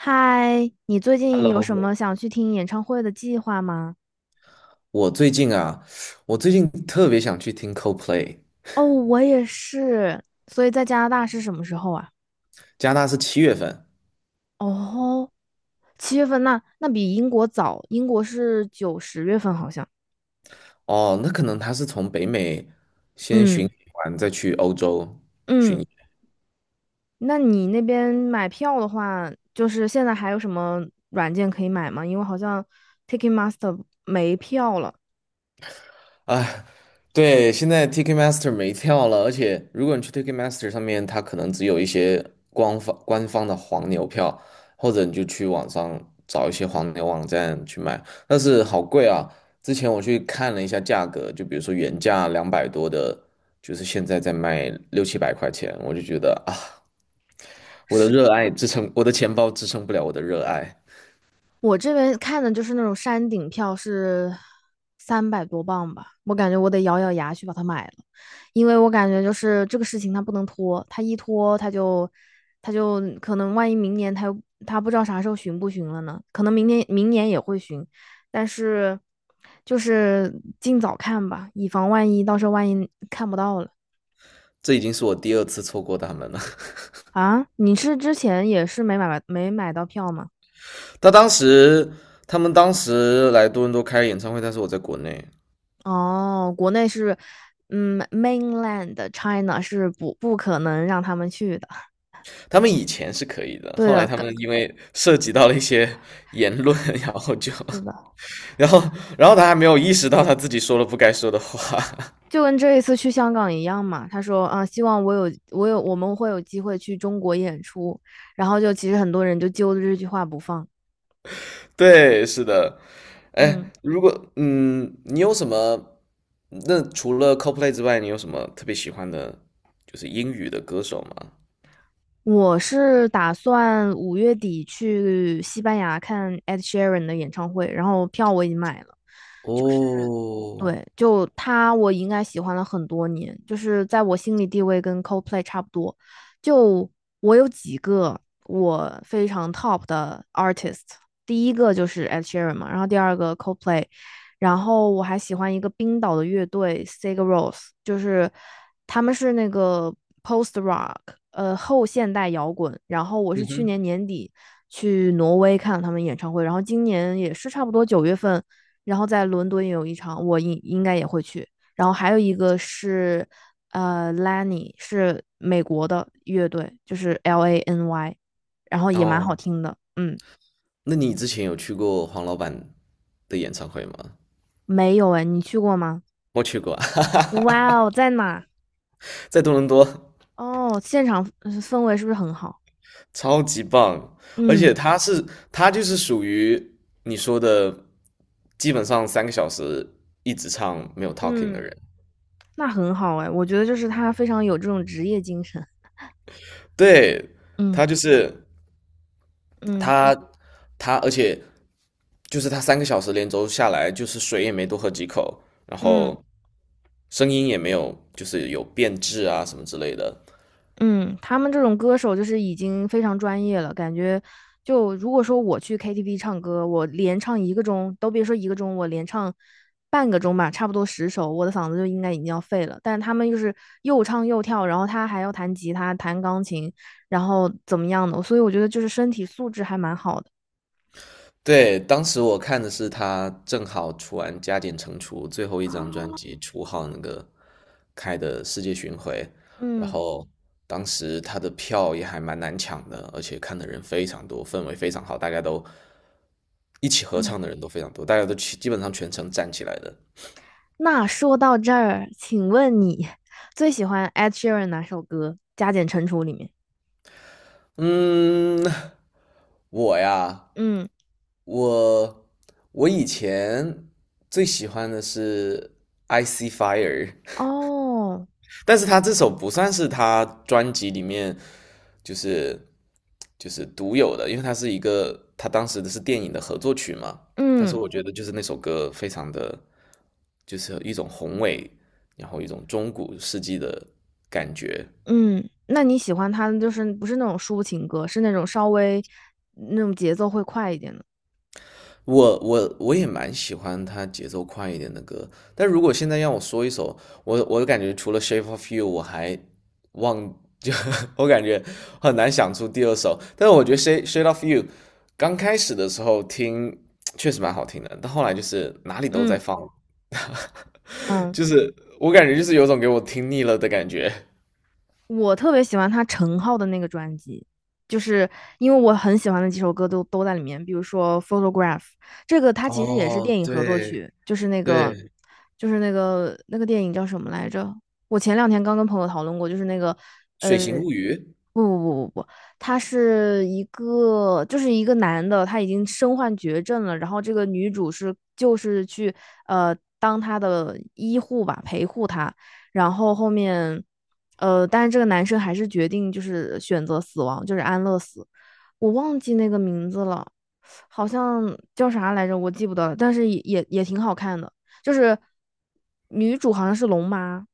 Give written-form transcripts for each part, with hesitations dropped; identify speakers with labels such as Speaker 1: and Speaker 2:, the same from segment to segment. Speaker 1: 嗨，你最近有
Speaker 2: Hello，
Speaker 1: 什么想去听演唱会的计划吗？
Speaker 2: 我最近啊，我最近特别想去听 Coldplay。
Speaker 1: 哦，我也是。所以在加拿大是什么时候啊？
Speaker 2: 加拿大是七月份，
Speaker 1: 哦，七月份那比英国早，英国是九十月份好像。
Speaker 2: 哦，那可能他是从北美先巡
Speaker 1: 嗯
Speaker 2: 演完再去欧洲。
Speaker 1: 嗯，那你那边买票的话，就是现在还有什么软件可以买吗？因为好像 Ticketmaster 没票了。
Speaker 2: 哎，对，现在 Ticketmaster 没票了，而且如果你去 Ticketmaster 上面，它可能只有一些官方的黄牛票，或者你就去网上找一些黄牛网站去买，但是好贵啊！之前我去看了一下价格，就比如说原价两百多的，就是现在在卖六七百块钱，我就觉得啊，我的热爱支撑，我的钱包支撑不了我的热爱，
Speaker 1: 我这边看的就是那种山顶票是三百多磅吧，我感觉我得咬咬牙去把它买了，因为我感觉就是这个事情它不能拖，它一拖它就可能万一明年它不知道啥时候巡不巡了呢，可能明年也会巡，但是就是尽早看吧，以防万一，到时候万一看不到了。
Speaker 2: 这已经是我第二次错过他们了。
Speaker 1: 啊！你是之前也是没买到票吗？
Speaker 2: 他当时他们当时来多伦多开演唱会，但是我在国内，
Speaker 1: 哦，国内是，嗯，mainland China 是不可能让他们去的。
Speaker 2: 他们以前是可以的，
Speaker 1: 对
Speaker 2: 后来
Speaker 1: 的，
Speaker 2: 他
Speaker 1: 跟
Speaker 2: 们因为涉及到了一些言论，然后就，
Speaker 1: 是的，
Speaker 2: 然后然后他还没有意识到他自己说了不该说的话，
Speaker 1: 就跟这一次去香港一样嘛。他说啊，希望我们会有机会去中国演出，然后就其实很多人就揪着这句话不放。
Speaker 2: 对，是的，哎，
Speaker 1: 嗯，
Speaker 2: 如果你有什么？那除了 c o l p l a y 之外，你有什么特别喜欢的，就是英语的歌手吗？
Speaker 1: 我是打算五月底去西班牙看 Ed Sheeran 的演唱会，然后票我已经买了，
Speaker 2: 哦，
Speaker 1: 对，就他，我应该喜欢了很多年，就是在我心里地位跟 Coldplay 差不多。就我有几个我非常 top 的 artist,第一个就是 Ed Sheeran 嘛，然后第二个 Coldplay,然后我还喜欢一个冰岛的乐队 Sigur Rós,就是他们是那个 post rock,后现代摇滚。然后我是去年年底去挪威看了他们演唱会，然后今年也是差不多九月份。然后在伦敦也有一场，我应该也会去。然后还有一个是，Lany 是美国的乐队，就是 L A N Y,然后也蛮好
Speaker 2: 哦，
Speaker 1: 听的。嗯，
Speaker 2: 那你之前有去过黄老板的演唱会吗？
Speaker 1: 没有哎，你去过吗？
Speaker 2: 我去过，哈哈，
Speaker 1: 哇哦，在哪？
Speaker 2: 在多伦多，
Speaker 1: 哦，现场氛围是不是很好？
Speaker 2: 超级棒，而
Speaker 1: 嗯
Speaker 2: 且他就是属于你说的，基本上三个小时一直唱没有 talking 的
Speaker 1: 嗯，
Speaker 2: 人，
Speaker 1: 那很好哎，我觉得就是他非常有这种职业精神。
Speaker 2: 对，
Speaker 1: 嗯
Speaker 2: 他就是
Speaker 1: 嗯
Speaker 2: 他他，而且就是他三个小时连轴下来，就是水也没多喝几口，然
Speaker 1: 嗯。
Speaker 2: 后声音也没有就是有变质啊什么之类的，
Speaker 1: 嗯，他们这种歌手就是已经非常专业了，感觉就如果说我去 KTV 唱歌，我连唱一个钟，都别说一个钟，我连唱半个钟吧，差不多十首，我的嗓子就应该已经要废了。但是他们就是又唱又跳，然后他还要弹吉他、弹钢琴，然后怎么样的，所以我觉得就是身体素质还蛮好的。
Speaker 2: 对，当时我看的是他正好出完《加减乘除》最后一
Speaker 1: 啊，
Speaker 2: 张专辑初号那个开的世界巡回，然
Speaker 1: 嗯
Speaker 2: 后当时他的票也还蛮难抢的，而且看的人非常多，氛围非常好，大家都一起合
Speaker 1: 嗯，
Speaker 2: 唱的人都非常多，大家都基本上全程站起来的。
Speaker 1: 那说到这儿，请问你最喜欢 Ed Sheeran 哪首歌？加减乘除里面。
Speaker 2: 嗯，我呀，
Speaker 1: 嗯，
Speaker 2: 我我以前最喜欢的是 IC Fire。
Speaker 1: 哦，
Speaker 2: 但是他这首不算是他专辑里面就是就是独有的，因为它是一个他当时的是电影的合作曲嘛。但是
Speaker 1: 嗯。
Speaker 2: 我觉得就是那首歌非常的，就是一种宏伟，然后一种中古世纪的感觉。
Speaker 1: 嗯，那你喜欢他的就是不是那种抒情歌，是那种稍微那种节奏会快一点的。
Speaker 2: 我也蛮喜欢他节奏快一点的歌，但如果现在让我说一首，我感觉除了《Shape of You》，我还忘就 我感觉很难想出第二首。但是我觉得《Shape of You》刚开始的时候听确实蛮好听的，但后来就是哪里都在
Speaker 1: 嗯
Speaker 2: 放
Speaker 1: 嗯，
Speaker 2: 就是我感觉就是有种给我听腻了的感觉。
Speaker 1: 我特别喜欢他陈浩的那个专辑，就是因为我很喜欢的几首歌都在里面，比如说《Photograph》,这个它其实也是电
Speaker 2: 哦，
Speaker 1: 影合作
Speaker 2: 对
Speaker 1: 曲，就是那个
Speaker 2: 对，
Speaker 1: 就是那个那个电影叫什么来着？我前两天刚跟朋友讨论过，就是那个
Speaker 2: 《水
Speaker 1: 呃
Speaker 2: 形物语》
Speaker 1: 不不不不不，他是一个，就是一个男的，他已经身患绝症了。然后这个女主是就是去呃当他的医护吧，陪护他。然后后面，但是这个男生还是决定就是选择死亡，就是安乐死。我忘记那个名字了，好像叫啥来着，我记不得了。但是也挺好看的，就是女主好像是龙妈，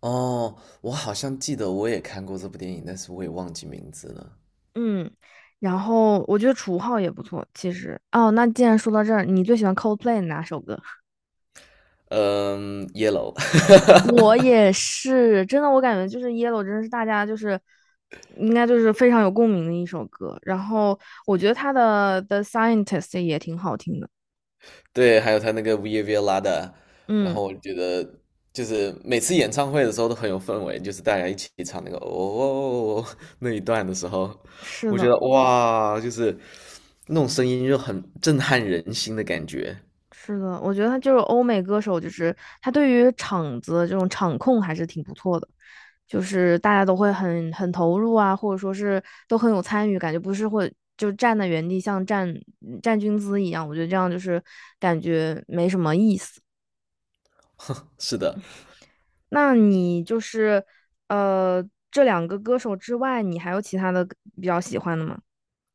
Speaker 2: 哦，我好像记得我也看过这部电影，但是我也忘记名字了。
Speaker 1: 嗯，然后我觉得楚浩也不错，其实。哦，那既然说到这儿，你最喜欢 Coldplay 哪首歌？
Speaker 2: 嗯，Yellow，
Speaker 1: 我也是，真的，我感觉就是 Yellow 真的是大家就是应该就是非常有共鸣的一首歌。然后我觉得他的 The Scientist 也挺好听的。
Speaker 2: 对，还有他那个 v i Via l a 的，然
Speaker 1: 嗯，
Speaker 2: 后我觉得就是每次演唱会的时候都很有氛围，就是大家一起唱那个哦哦哦哦哦那一段的时候，
Speaker 1: 是
Speaker 2: 我觉
Speaker 1: 的。
Speaker 2: 得哇，就是那种声音就很震撼人心的感觉。
Speaker 1: 是的，我觉得他就是欧美歌手，就是他对于场子这种场控还是挺不错的，就是大家都会很投入啊，或者说是都很有参与，感觉不是会就站在原地像站军姿一样，我觉得这样就是感觉没什么意思。
Speaker 2: 是的，
Speaker 1: 那你就是呃这两个歌手之外，你还有其他的比较喜欢的吗？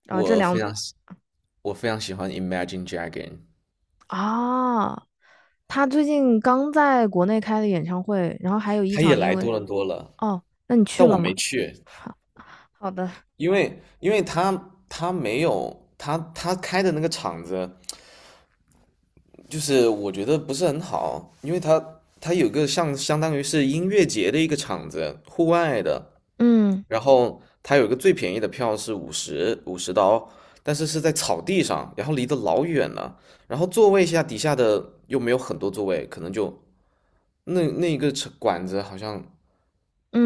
Speaker 1: 啊，这
Speaker 2: 我非
Speaker 1: 两
Speaker 2: 常喜我非常喜欢 Imagine Dragon，
Speaker 1: 啊，他最近刚在国内开的演唱会，然后还有一
Speaker 2: 他也
Speaker 1: 场
Speaker 2: 来
Speaker 1: 因为。
Speaker 2: 多伦多了，
Speaker 1: 哦，那你去
Speaker 2: 但我
Speaker 1: 了吗？
Speaker 2: 没去，
Speaker 1: 好，好的，
Speaker 2: 因为他他没有他他开的那个场子。就是我觉得不是很好，因为它有个像相当于是音乐节的一个场子，户外的，
Speaker 1: 嗯
Speaker 2: 然后它有一个最便宜的票是五十刀，但是是在草地上，然后离得老远了，然后座位下底下的又没有很多座位，可能就那个场馆子好像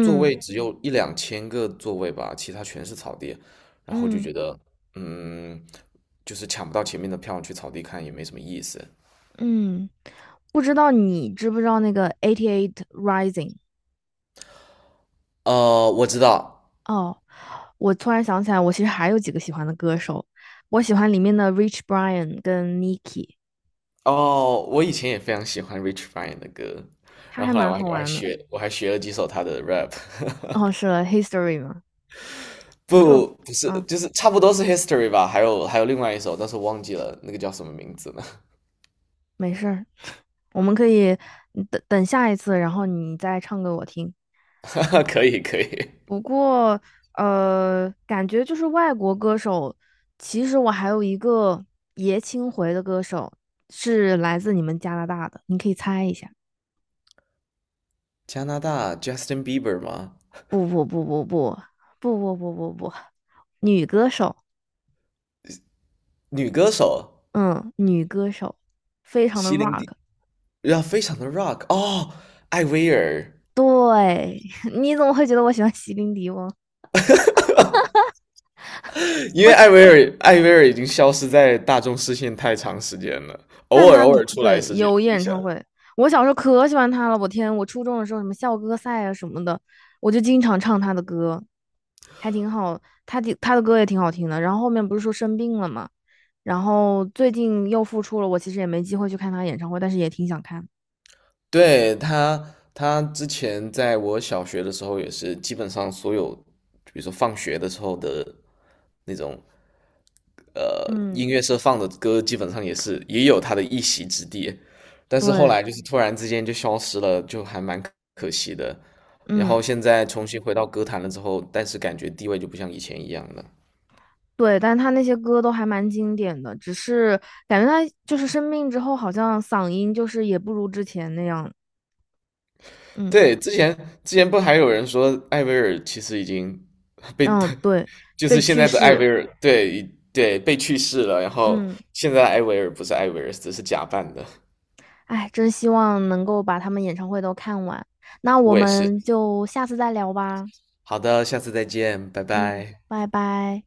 Speaker 2: 座位只有1 2千个座位吧，其他全是草地，然后就
Speaker 1: 嗯
Speaker 2: 觉得嗯，就是抢不到前面的票去草地看也没什么意思。
Speaker 1: 嗯，不知道你知不知道那个 Eighty Eight Rising?
Speaker 2: 呃，我知道。
Speaker 1: 哦，我突然想起来，我其实还有几个喜欢的歌手，我喜欢里面的 Rich Brian 跟 Nicki,
Speaker 2: 哦，我以前也非常喜欢 Rich Brian 的歌，
Speaker 1: 他
Speaker 2: 然
Speaker 1: 还
Speaker 2: 后后来
Speaker 1: 蛮
Speaker 2: 我还
Speaker 1: 好
Speaker 2: 我还
Speaker 1: 玩的。
Speaker 2: 学我还学了几首他的 rap，
Speaker 1: 哦，是 History 嘛，就
Speaker 2: 不是
Speaker 1: 啊，
Speaker 2: 就是差不多是 History 吧，还有另外一首，但是忘记了那个叫什么名字了。
Speaker 1: 没事儿，我们可以等等下一次，然后你再唱给我听。
Speaker 2: 可以可以，
Speaker 1: 不过，感觉就是外国歌手，其实我还有一个爷青回的歌手是来自你们加拿大的，你可以猜一下。
Speaker 2: 加拿大 Justin Bieber 吗？
Speaker 1: 不不不不不 女歌手，
Speaker 2: 女歌手，
Speaker 1: 嗯，女歌手，非常的
Speaker 2: 席林
Speaker 1: rock。
Speaker 2: 迪，要非常的 rock 哦，艾薇儿，
Speaker 1: 对，你怎么会觉得我喜欢席琳迪翁？
Speaker 2: 因为艾薇儿已经消失在大众视线太长时间了，
Speaker 1: 但
Speaker 2: 偶尔
Speaker 1: 他
Speaker 2: 偶尔出来
Speaker 1: 对
Speaker 2: 时间
Speaker 1: 有
Speaker 2: 一
Speaker 1: 演
Speaker 2: 下。
Speaker 1: 唱会，我小时候可喜欢他了。我天，我初中的时候什么校歌赛啊什么的，我就经常唱他的歌，还挺好。他的歌也挺好听的。然后后面不是说生病了嘛，然后最近又复出了。我其实也没机会去看他演唱会，但是也挺想看。
Speaker 2: 对，他之前在我小学的时候也是，基本上所有，比如说放学的时候的那种，呃，
Speaker 1: 嗯，
Speaker 2: 音乐社放的歌，基本上也是也有他的一席之地。但是后
Speaker 1: 对，
Speaker 2: 来就是突然之间就消失了，就还蛮可惜的。然后
Speaker 1: 嗯，
Speaker 2: 现在重新回到歌坛了之后，但是感觉地位就不像以前一样了。
Speaker 1: 对，但他那些歌都还蛮经典的，只是感觉他就是生病之后，好像嗓音就是也不如之前那样。嗯
Speaker 2: 对，之前不还有人说艾薇儿其实已经被，
Speaker 1: 嗯，对，
Speaker 2: 就
Speaker 1: 被
Speaker 2: 是现
Speaker 1: 去
Speaker 2: 在的艾
Speaker 1: 世。
Speaker 2: 薇儿，对被去世了，然后
Speaker 1: 嗯。
Speaker 2: 现在的艾薇儿不是艾薇儿，只是假扮的。
Speaker 1: 哎，真希望能够把他们演唱会都看完。那我
Speaker 2: 我也是。
Speaker 1: 们就下次再聊吧。
Speaker 2: 好的，下次再见，拜
Speaker 1: 嗯，
Speaker 2: 拜。
Speaker 1: 拜拜。